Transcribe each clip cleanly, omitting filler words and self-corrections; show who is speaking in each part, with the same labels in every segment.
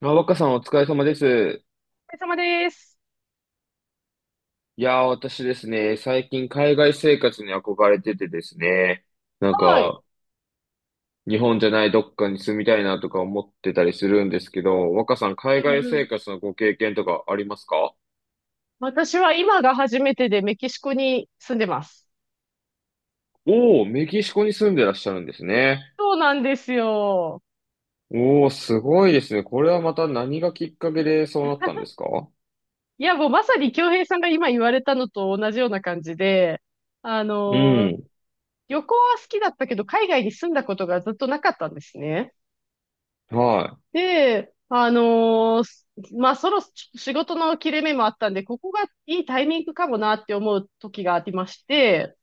Speaker 1: あ、若さんお疲れ様です。
Speaker 2: お疲れ様です。
Speaker 1: いやー、私ですね、最近海外生活に憧れててですね、なん
Speaker 2: はい。
Speaker 1: か、日本じゃないどっかに住みたいなとか思ってたりするんですけど、若さん海
Speaker 2: う
Speaker 1: 外
Speaker 2: んう
Speaker 1: 生
Speaker 2: ん。
Speaker 1: 活のご経験とかありますか？
Speaker 2: 私は今が初めてでメキシコに住んでます。
Speaker 1: おー、メキシコに住んでらっしゃるんですね。
Speaker 2: そうなんですよ。
Speaker 1: おー、すごいですね。これはまた何がきっかけでそうなったんですか？
Speaker 2: いや、もうまさに京平さんが今言われたのと同じような感じで、あ
Speaker 1: う
Speaker 2: のー
Speaker 1: ん。
Speaker 2: 旅行は好きだったけど、海外に住んだことがずっとなかったんですね。
Speaker 1: は
Speaker 2: で、まあ、仕事の切れ目もあったんで、ここがいいタイミングかもなって思う時がありまして、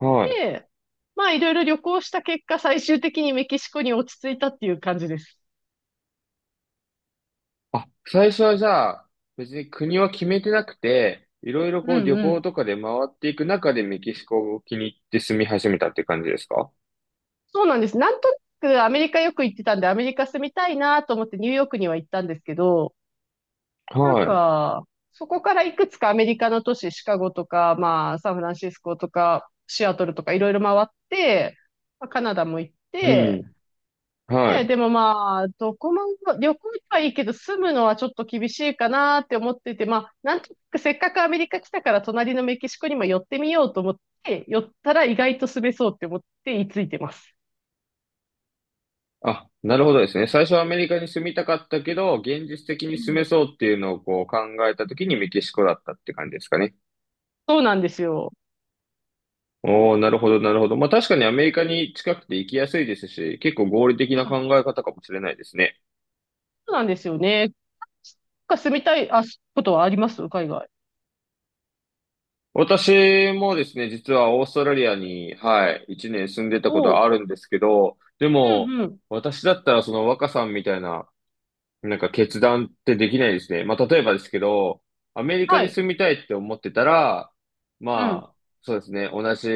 Speaker 1: い。はい。
Speaker 2: で、まあいろいろ旅行した結果、最終的にメキシコに落ち着いたっていう感じです。
Speaker 1: あ、最初はじゃあ、別に国は決めてなくて、いろいろ
Speaker 2: う
Speaker 1: こう
Speaker 2: ん
Speaker 1: 旅
Speaker 2: う
Speaker 1: 行
Speaker 2: ん。
Speaker 1: とかで回っていく中でメキシコを気に入って住み始めたって感じですか？
Speaker 2: そうなんです。なんとなくアメリカよく行ってたんで、アメリカ住みたいなと思ってニューヨークには行ったんですけど、なん
Speaker 1: は
Speaker 2: か、そこからいくつかアメリカの都市、シカゴとか、まあ、サンフランシスコとか、シアトルとかいろいろ回って、まあカナダも行っ
Speaker 1: い。う
Speaker 2: て、
Speaker 1: ん。は
Speaker 2: ね、
Speaker 1: い。
Speaker 2: でもまあ、どこも、旅行はいいけど、住むのはちょっと厳しいかなって思ってて、まあ、なんとなくせっかくアメリカ来たから、隣のメキシコにも寄ってみようと思って、寄ったら意外と住めそうって思って居ついてます。
Speaker 1: あ、なるほどですね。最初はアメリカに住みたかったけど、現実的に
Speaker 2: う
Speaker 1: 住
Speaker 2: ん。
Speaker 1: めそうっていうのをこう考えた時にメキシコだったって感じですかね。
Speaker 2: そうなんですよ。
Speaker 1: おー、なるほど、なるほど。まあ確かにアメリカに近くて行きやすいですし、結構合理的
Speaker 2: う
Speaker 1: な考
Speaker 2: ん。
Speaker 1: え方かもしれないですね。
Speaker 2: そうなんですよね。なんか住みたい、あ、ことはあります海外。
Speaker 1: 私もですね、実はオーストラリアに、はい、一年住んでたこと
Speaker 2: お
Speaker 1: はあ
Speaker 2: う。
Speaker 1: るんですけど、で
Speaker 2: う
Speaker 1: も、
Speaker 2: んうん。
Speaker 1: 私だったらその若さんみたいな、決断ってできないですね。まあ、例えばですけど、アメリカ
Speaker 2: は
Speaker 1: に
Speaker 2: い。
Speaker 1: 住みたいって思ってたら、
Speaker 2: うん。
Speaker 1: まあ、そうですね、同じ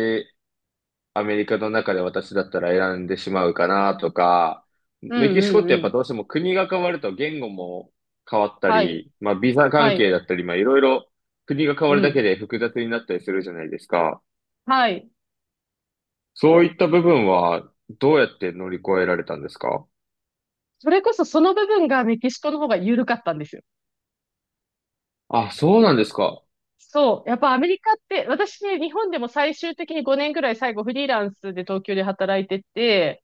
Speaker 1: アメリカの中で私だったら選んでしまうかなとか、
Speaker 2: う
Speaker 1: メ
Speaker 2: ん
Speaker 1: キシコ
Speaker 2: うん
Speaker 1: って
Speaker 2: う
Speaker 1: やっぱ
Speaker 2: ん。
Speaker 1: どうしても国が変わると言語も変わった
Speaker 2: はい。
Speaker 1: り、まあビザ
Speaker 2: は
Speaker 1: 関係
Speaker 2: い。
Speaker 1: だったり、まあいろいろ国が変わ
Speaker 2: う
Speaker 1: るだけ
Speaker 2: ん。
Speaker 1: で複雑になったりするじゃないですか。
Speaker 2: はい。
Speaker 1: そういった部分はどうやって乗り越えられたんですか？
Speaker 2: それこそその部分がメキシコの方が緩かったんですよ。
Speaker 1: あ、そうなんですか。
Speaker 2: そう。やっぱアメリカって、私ね、日本でも最終的に5年ぐらい最後フリーランスで東京で働いてて、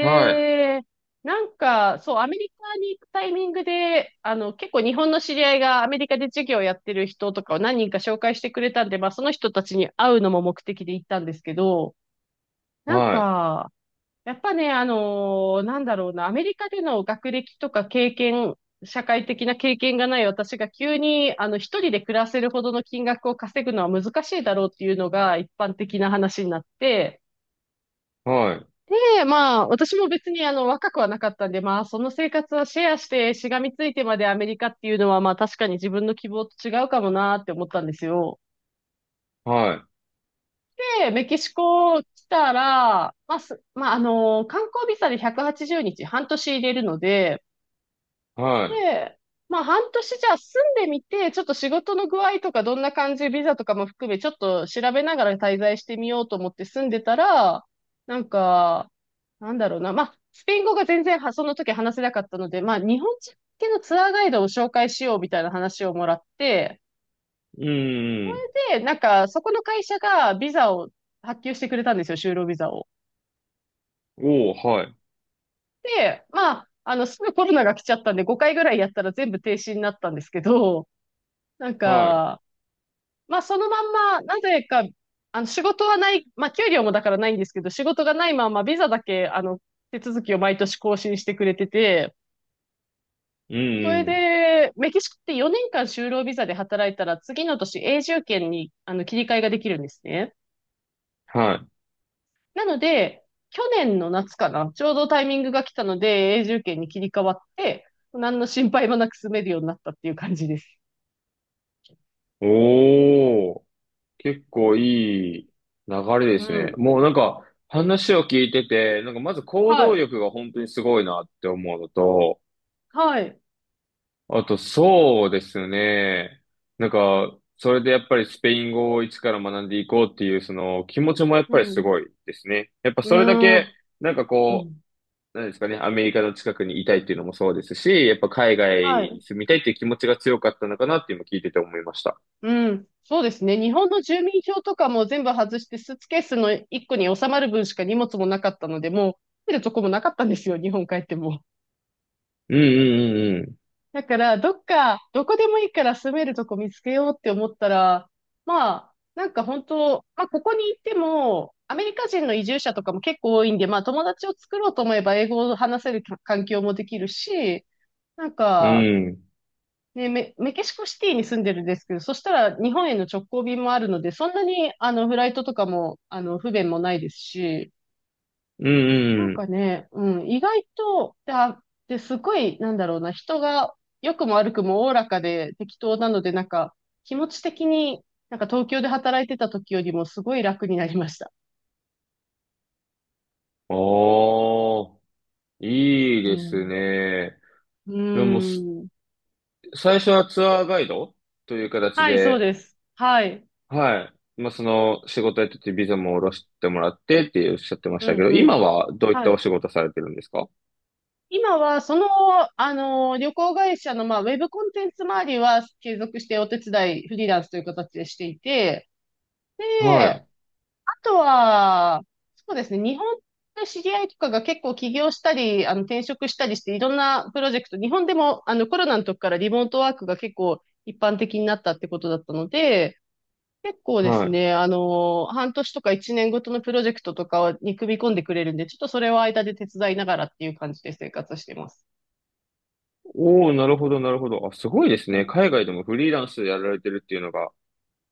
Speaker 1: はい、
Speaker 2: そう、アメリカに行くタイミングで、あの、結構日本の知り合いがアメリカで授業やってる人とかを何人か紹介してくれたんで、まあその人たちに会うのも目的で行ったんですけど、なん
Speaker 1: はい、
Speaker 2: か、やっぱね、なんだろうな、アメリカでの学歴とか経験、社会的な経験がない私が急に、あの、一人で暮らせるほどの金額を稼ぐのは難しいだろうっていうのが一般的な話になって、
Speaker 1: はい、
Speaker 2: で、まあ、私も別にあの、若くはなかったんで、まあ、その生活はシェアして、しがみついてまでアメリカっていうのは、まあ、確かに自分の希望と違うかもなって思ったんですよ。
Speaker 1: は
Speaker 2: で、メキシコ来たら、まあ、観光ビザで180日、半年入れるので、
Speaker 1: い、は
Speaker 2: で、まあ半年じゃあ住んでみて、ちょっと仕事の具合とかどんな感じ、ビザとかも含め、ちょっと調べながら滞在してみようと思って住んでたら、なんか、なんだろうな、まあ、スペイン語が全然はその時話せなかったので、まあ日本人向けのツアーガイドを紹介しようみたいな話をもらって、
Speaker 1: い。うん、うん。
Speaker 2: で、なんかそこの会社がビザを発給してくれたんですよ、就労ビザを。
Speaker 1: おー、はい、
Speaker 2: で、まあ、あの、すぐコロナが来ちゃったんで、5回ぐらいやったら全部停止になったんですけど、なん
Speaker 1: はい。
Speaker 2: か、まあ、そのまんま、なぜか、あの、仕事はない、まあ、給料もだからないんですけど、仕事がないまま、ビザだけ、あの、手続きを毎年更新してくれてて、
Speaker 1: うん、
Speaker 2: そ
Speaker 1: う
Speaker 2: れ
Speaker 1: ん。
Speaker 2: で、メキシコって4年間就労ビザで働いたら、次の年永住権に、あの、切り替えができるんですね。
Speaker 1: はい。
Speaker 2: なので、去年の夏かな、ちょうどタイミングが来たので、永住権に切り替わって、何の心配もなく住めるようになったっていう感じです。
Speaker 1: おー。結構いい流れで
Speaker 2: う
Speaker 1: すね。
Speaker 2: ん。
Speaker 1: もう話を聞いてて、まず行
Speaker 2: は
Speaker 1: 動
Speaker 2: い。
Speaker 1: 力が本当にすごいなって思うのと、
Speaker 2: はい。
Speaker 1: あとそうですね。なんか、それでやっぱりスペイン語を一から学んでいこうっていうその気持ちもやっ
Speaker 2: う
Speaker 1: ぱりす
Speaker 2: ん。
Speaker 1: ごいですね。やっぱ
Speaker 2: う
Speaker 1: それだ
Speaker 2: ー
Speaker 1: け、
Speaker 2: ん。
Speaker 1: なんか
Speaker 2: う
Speaker 1: こ
Speaker 2: ん。
Speaker 1: う、なんですかね、アメリカの近くにいたいっていうのもそうですし、やっぱ海外
Speaker 2: はい。
Speaker 1: に住みたいっていう気持ちが強かったのかなって今聞いてて思いました。
Speaker 2: うん。そうですね。日本の住民票とかも全部外して、スーツケースの一個に収まる分しか荷物もなかったので、もう住めるとこもなかったんですよ、日本帰っても。
Speaker 1: うんうん
Speaker 2: だから、どっか、どこでもいいから住めるとこ見つけようって思ったら、まあ、なんか本当、まあ、ここに行っても、アメリカ人の移住者とかも結構多いんで、まあ、友達を作ろうと思えば英語を話せる環境もできるし、なん
Speaker 1: うんう
Speaker 2: か、
Speaker 1: ん。うん。
Speaker 2: で、メキシコシティに住んでるんですけど、そしたら日本への直行便もあるので、そんなにあのフライトとかもあの不便もないですし、
Speaker 1: う
Speaker 2: な
Speaker 1: ん
Speaker 2: ん
Speaker 1: う
Speaker 2: か
Speaker 1: ん
Speaker 2: ね、うん、意外と、で、あで、すごい、なんだろうな、人が良くも悪くもおおらかで適当なので、なんか気持ち的になんか東京で働いてた時よりもすごい楽になりました。
Speaker 1: ああ、いい
Speaker 2: う
Speaker 1: です
Speaker 2: ん。
Speaker 1: ね。
Speaker 2: う
Speaker 1: でも、す
Speaker 2: ん。
Speaker 1: 最初はツアーガイドという形
Speaker 2: はい、そう
Speaker 1: で、
Speaker 2: です。はい。
Speaker 1: はい。まあ、その仕事やっててビザも下ろしてもらってっておっしゃってまし
Speaker 2: う
Speaker 1: たけ
Speaker 2: ん、
Speaker 1: ど、
Speaker 2: う
Speaker 1: 今
Speaker 2: ん。
Speaker 1: はどういっ
Speaker 2: は
Speaker 1: た
Speaker 2: い。
Speaker 1: お仕事されてるんですか？
Speaker 2: 今は、その、あの、旅行会社の、まあ、ウェブコンテンツ周りは継続してお手伝い、フリーランスという形でしていて、
Speaker 1: はい。
Speaker 2: で、あとは、そうですね、日本で知り合いとかが結構起業したり、あの、転職したりして、いろんなプロジェクト、日本でも、あの、コロナの時からリモートワークが結構一般的になったってことだったので、結構で
Speaker 1: は
Speaker 2: す
Speaker 1: い。
Speaker 2: ね、あの、半年とか一年ごとのプロジェクトとかに組み込んでくれるんで、ちょっとそれを間で手伝いながらっていう感じで生活してます。
Speaker 1: おお、なるほど、なるほど。あ、すごいですね。海外でもフリーランスでやられてるっていうのが、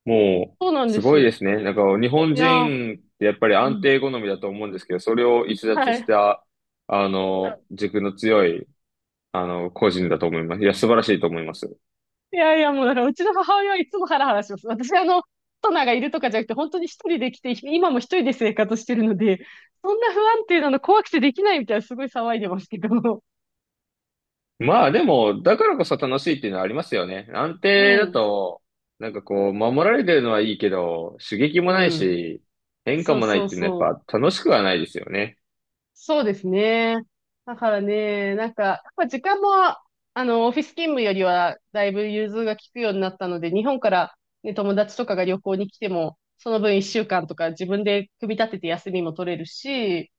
Speaker 1: もう、
Speaker 2: そうなんで
Speaker 1: すごい
Speaker 2: す。
Speaker 1: ですね。なんか、日本
Speaker 2: いやー、
Speaker 1: 人ってやっぱり
Speaker 2: う
Speaker 1: 安
Speaker 2: ん。
Speaker 1: 定好みだと思うんですけど、それを逸
Speaker 2: は
Speaker 1: 脱し
Speaker 2: い。
Speaker 1: た、あの、軸の強いあの、個人だと思います。いや、素晴らしいと思います。
Speaker 2: いやいや、もうだから、うちの母親はいつもハラハラします。私、あの、パトナがいるとかじゃなくて、本当に一人で来て、今も一人で生活してるので、そんな不安定なの怖くてできないみたいな、すごい騒いでますけど。
Speaker 1: まあでも、だからこそ楽しいっていうのはありますよね。安
Speaker 2: う
Speaker 1: 定だ
Speaker 2: ん。
Speaker 1: と、なんかこう、守られてるのはいいけど、刺激も
Speaker 2: う
Speaker 1: ない
Speaker 2: ん。
Speaker 1: し、変化
Speaker 2: そう
Speaker 1: もないっ
Speaker 2: そう
Speaker 1: ていうの
Speaker 2: そ
Speaker 1: は
Speaker 2: う。
Speaker 1: やっぱ楽しくはないですよね。
Speaker 2: そうですね。だからね、なんか、やっぱ時間も、あの、オフィス勤務よりは、だいぶ融通が利くようになったので、日本から、ね、友達とかが旅行に来ても、その分1週間とか自分で組み立てて休みも取れるし、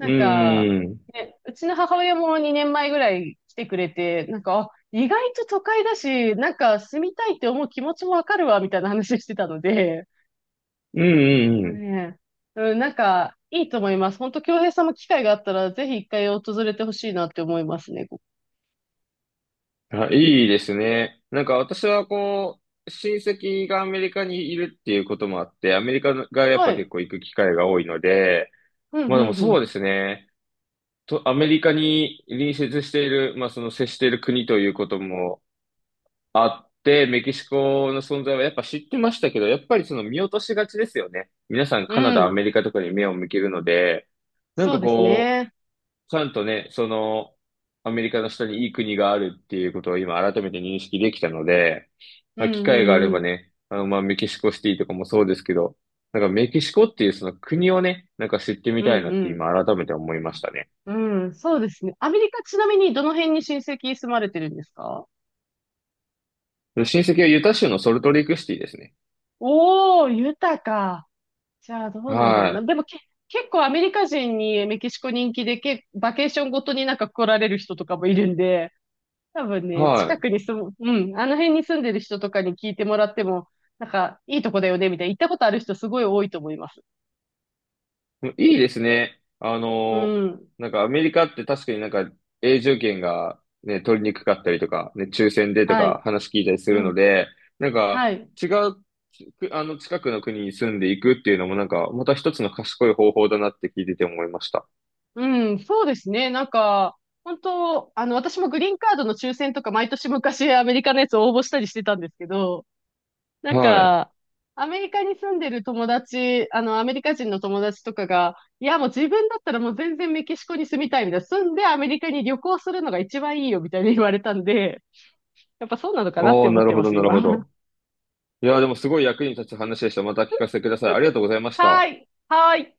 Speaker 1: う
Speaker 2: んか、
Speaker 1: ん、うん、
Speaker 2: ね、うちの母親も2年前ぐらい来てくれて、なんか、あ、意外と都会だし、なんか住みたいって思う気持ちもわかるわ、みたいな話してたので、
Speaker 1: うん、うん。
Speaker 2: ねえ。うん、なんか、いいと思います。本当、京平さんも機会があったら、ぜひ一回訪れてほしいなって思いますね。こ
Speaker 1: あ、いいですね。なんか私はこう、親戚がアメリカにいるっていうこともあって、アメリカがや
Speaker 2: こ
Speaker 1: っ
Speaker 2: は
Speaker 1: ぱ結
Speaker 2: い。
Speaker 1: 構行く機会が多いので、
Speaker 2: うん、
Speaker 1: まあで
Speaker 2: う
Speaker 1: もそう
Speaker 2: ん、
Speaker 1: ですね。と、アメリカに隣接している、まあその接している国ということもあって、メキシコの存在はやっぱ知ってましたけど、やっぱりその見落としがちですよね。皆さん
Speaker 2: う
Speaker 1: カナ
Speaker 2: ん。
Speaker 1: ダ、
Speaker 2: う
Speaker 1: ア
Speaker 2: ん。
Speaker 1: メリカとかに目を向けるので、なん
Speaker 2: そう
Speaker 1: か
Speaker 2: です
Speaker 1: こう、
Speaker 2: ね。
Speaker 1: ちゃんとね、その、アメリカの下にいい国があるっていうことを今改めて認識できたので、
Speaker 2: う
Speaker 1: まあ、
Speaker 2: ん、
Speaker 1: 機
Speaker 2: う
Speaker 1: 会が
Speaker 2: ん、
Speaker 1: あ
Speaker 2: う
Speaker 1: れば
Speaker 2: ん。
Speaker 1: ね、あの、まあ、メキシコシティとかもそうですけど、なんかメキシコっていうその国をね、なんか知ってみ
Speaker 2: うん、
Speaker 1: たいなっ
Speaker 2: う
Speaker 1: て
Speaker 2: ん。
Speaker 1: 今改めて思いましたね。
Speaker 2: うん、そうですね。アメリカ、ちなみにどの辺に親戚住まれてるんですか？
Speaker 1: で親戚はユタ州のソルトレイクシティですね。
Speaker 2: おー、豊か。じゃあ、どうなんだろうな。
Speaker 1: は
Speaker 2: でもけ、結構アメリカ人にメキシコ人気で、バケーションごとになんか来られる人とかもいるんで、多分
Speaker 1: い。
Speaker 2: ね、
Speaker 1: は
Speaker 2: 近
Speaker 1: い。
Speaker 2: くに住む、うん、あの辺に住んでる人とかに聞いてもらっても、なんか、いいとこだよね、みたいな。行ったことある人すごい多いと思います。
Speaker 1: いいですね。あ
Speaker 2: う
Speaker 1: の、
Speaker 2: ん。
Speaker 1: なんかアメリカって確かになんか永住権がね、取りにくかったりとか、ね、抽選でと
Speaker 2: は
Speaker 1: か
Speaker 2: い。
Speaker 1: 話聞いたりす
Speaker 2: う
Speaker 1: るの
Speaker 2: ん。
Speaker 1: で、なん
Speaker 2: は
Speaker 1: か
Speaker 2: い。
Speaker 1: 違う、あの近くの国に住んでいくっていうのもなんかまた一つの賢い方法だなって聞いてて思いました。
Speaker 2: うん、そうですね。なんか、本当、あの、私もグリーンカードの抽選とか毎年昔アメリカのやつ応募したりしてたんですけど、なん
Speaker 1: はい。
Speaker 2: か、アメリカに住んでる友達、あの、アメリカ人の友達とかが、いや、もう自分だったらもう全然メキシコに住みたいみたいな、住んでアメリカに旅行するのが一番いいよみたいに言われたんで、やっぱそうなのかなっ
Speaker 1: お
Speaker 2: て
Speaker 1: ー、
Speaker 2: 思っ
Speaker 1: なる
Speaker 2: て
Speaker 1: ほ
Speaker 2: ま
Speaker 1: ど、
Speaker 2: す、
Speaker 1: なる
Speaker 2: 今。
Speaker 1: ほど。いやー、でもすごい役に立つ話でした。また聞かせてください。ありがとうございまし
Speaker 2: は
Speaker 1: た。
Speaker 2: い。はい。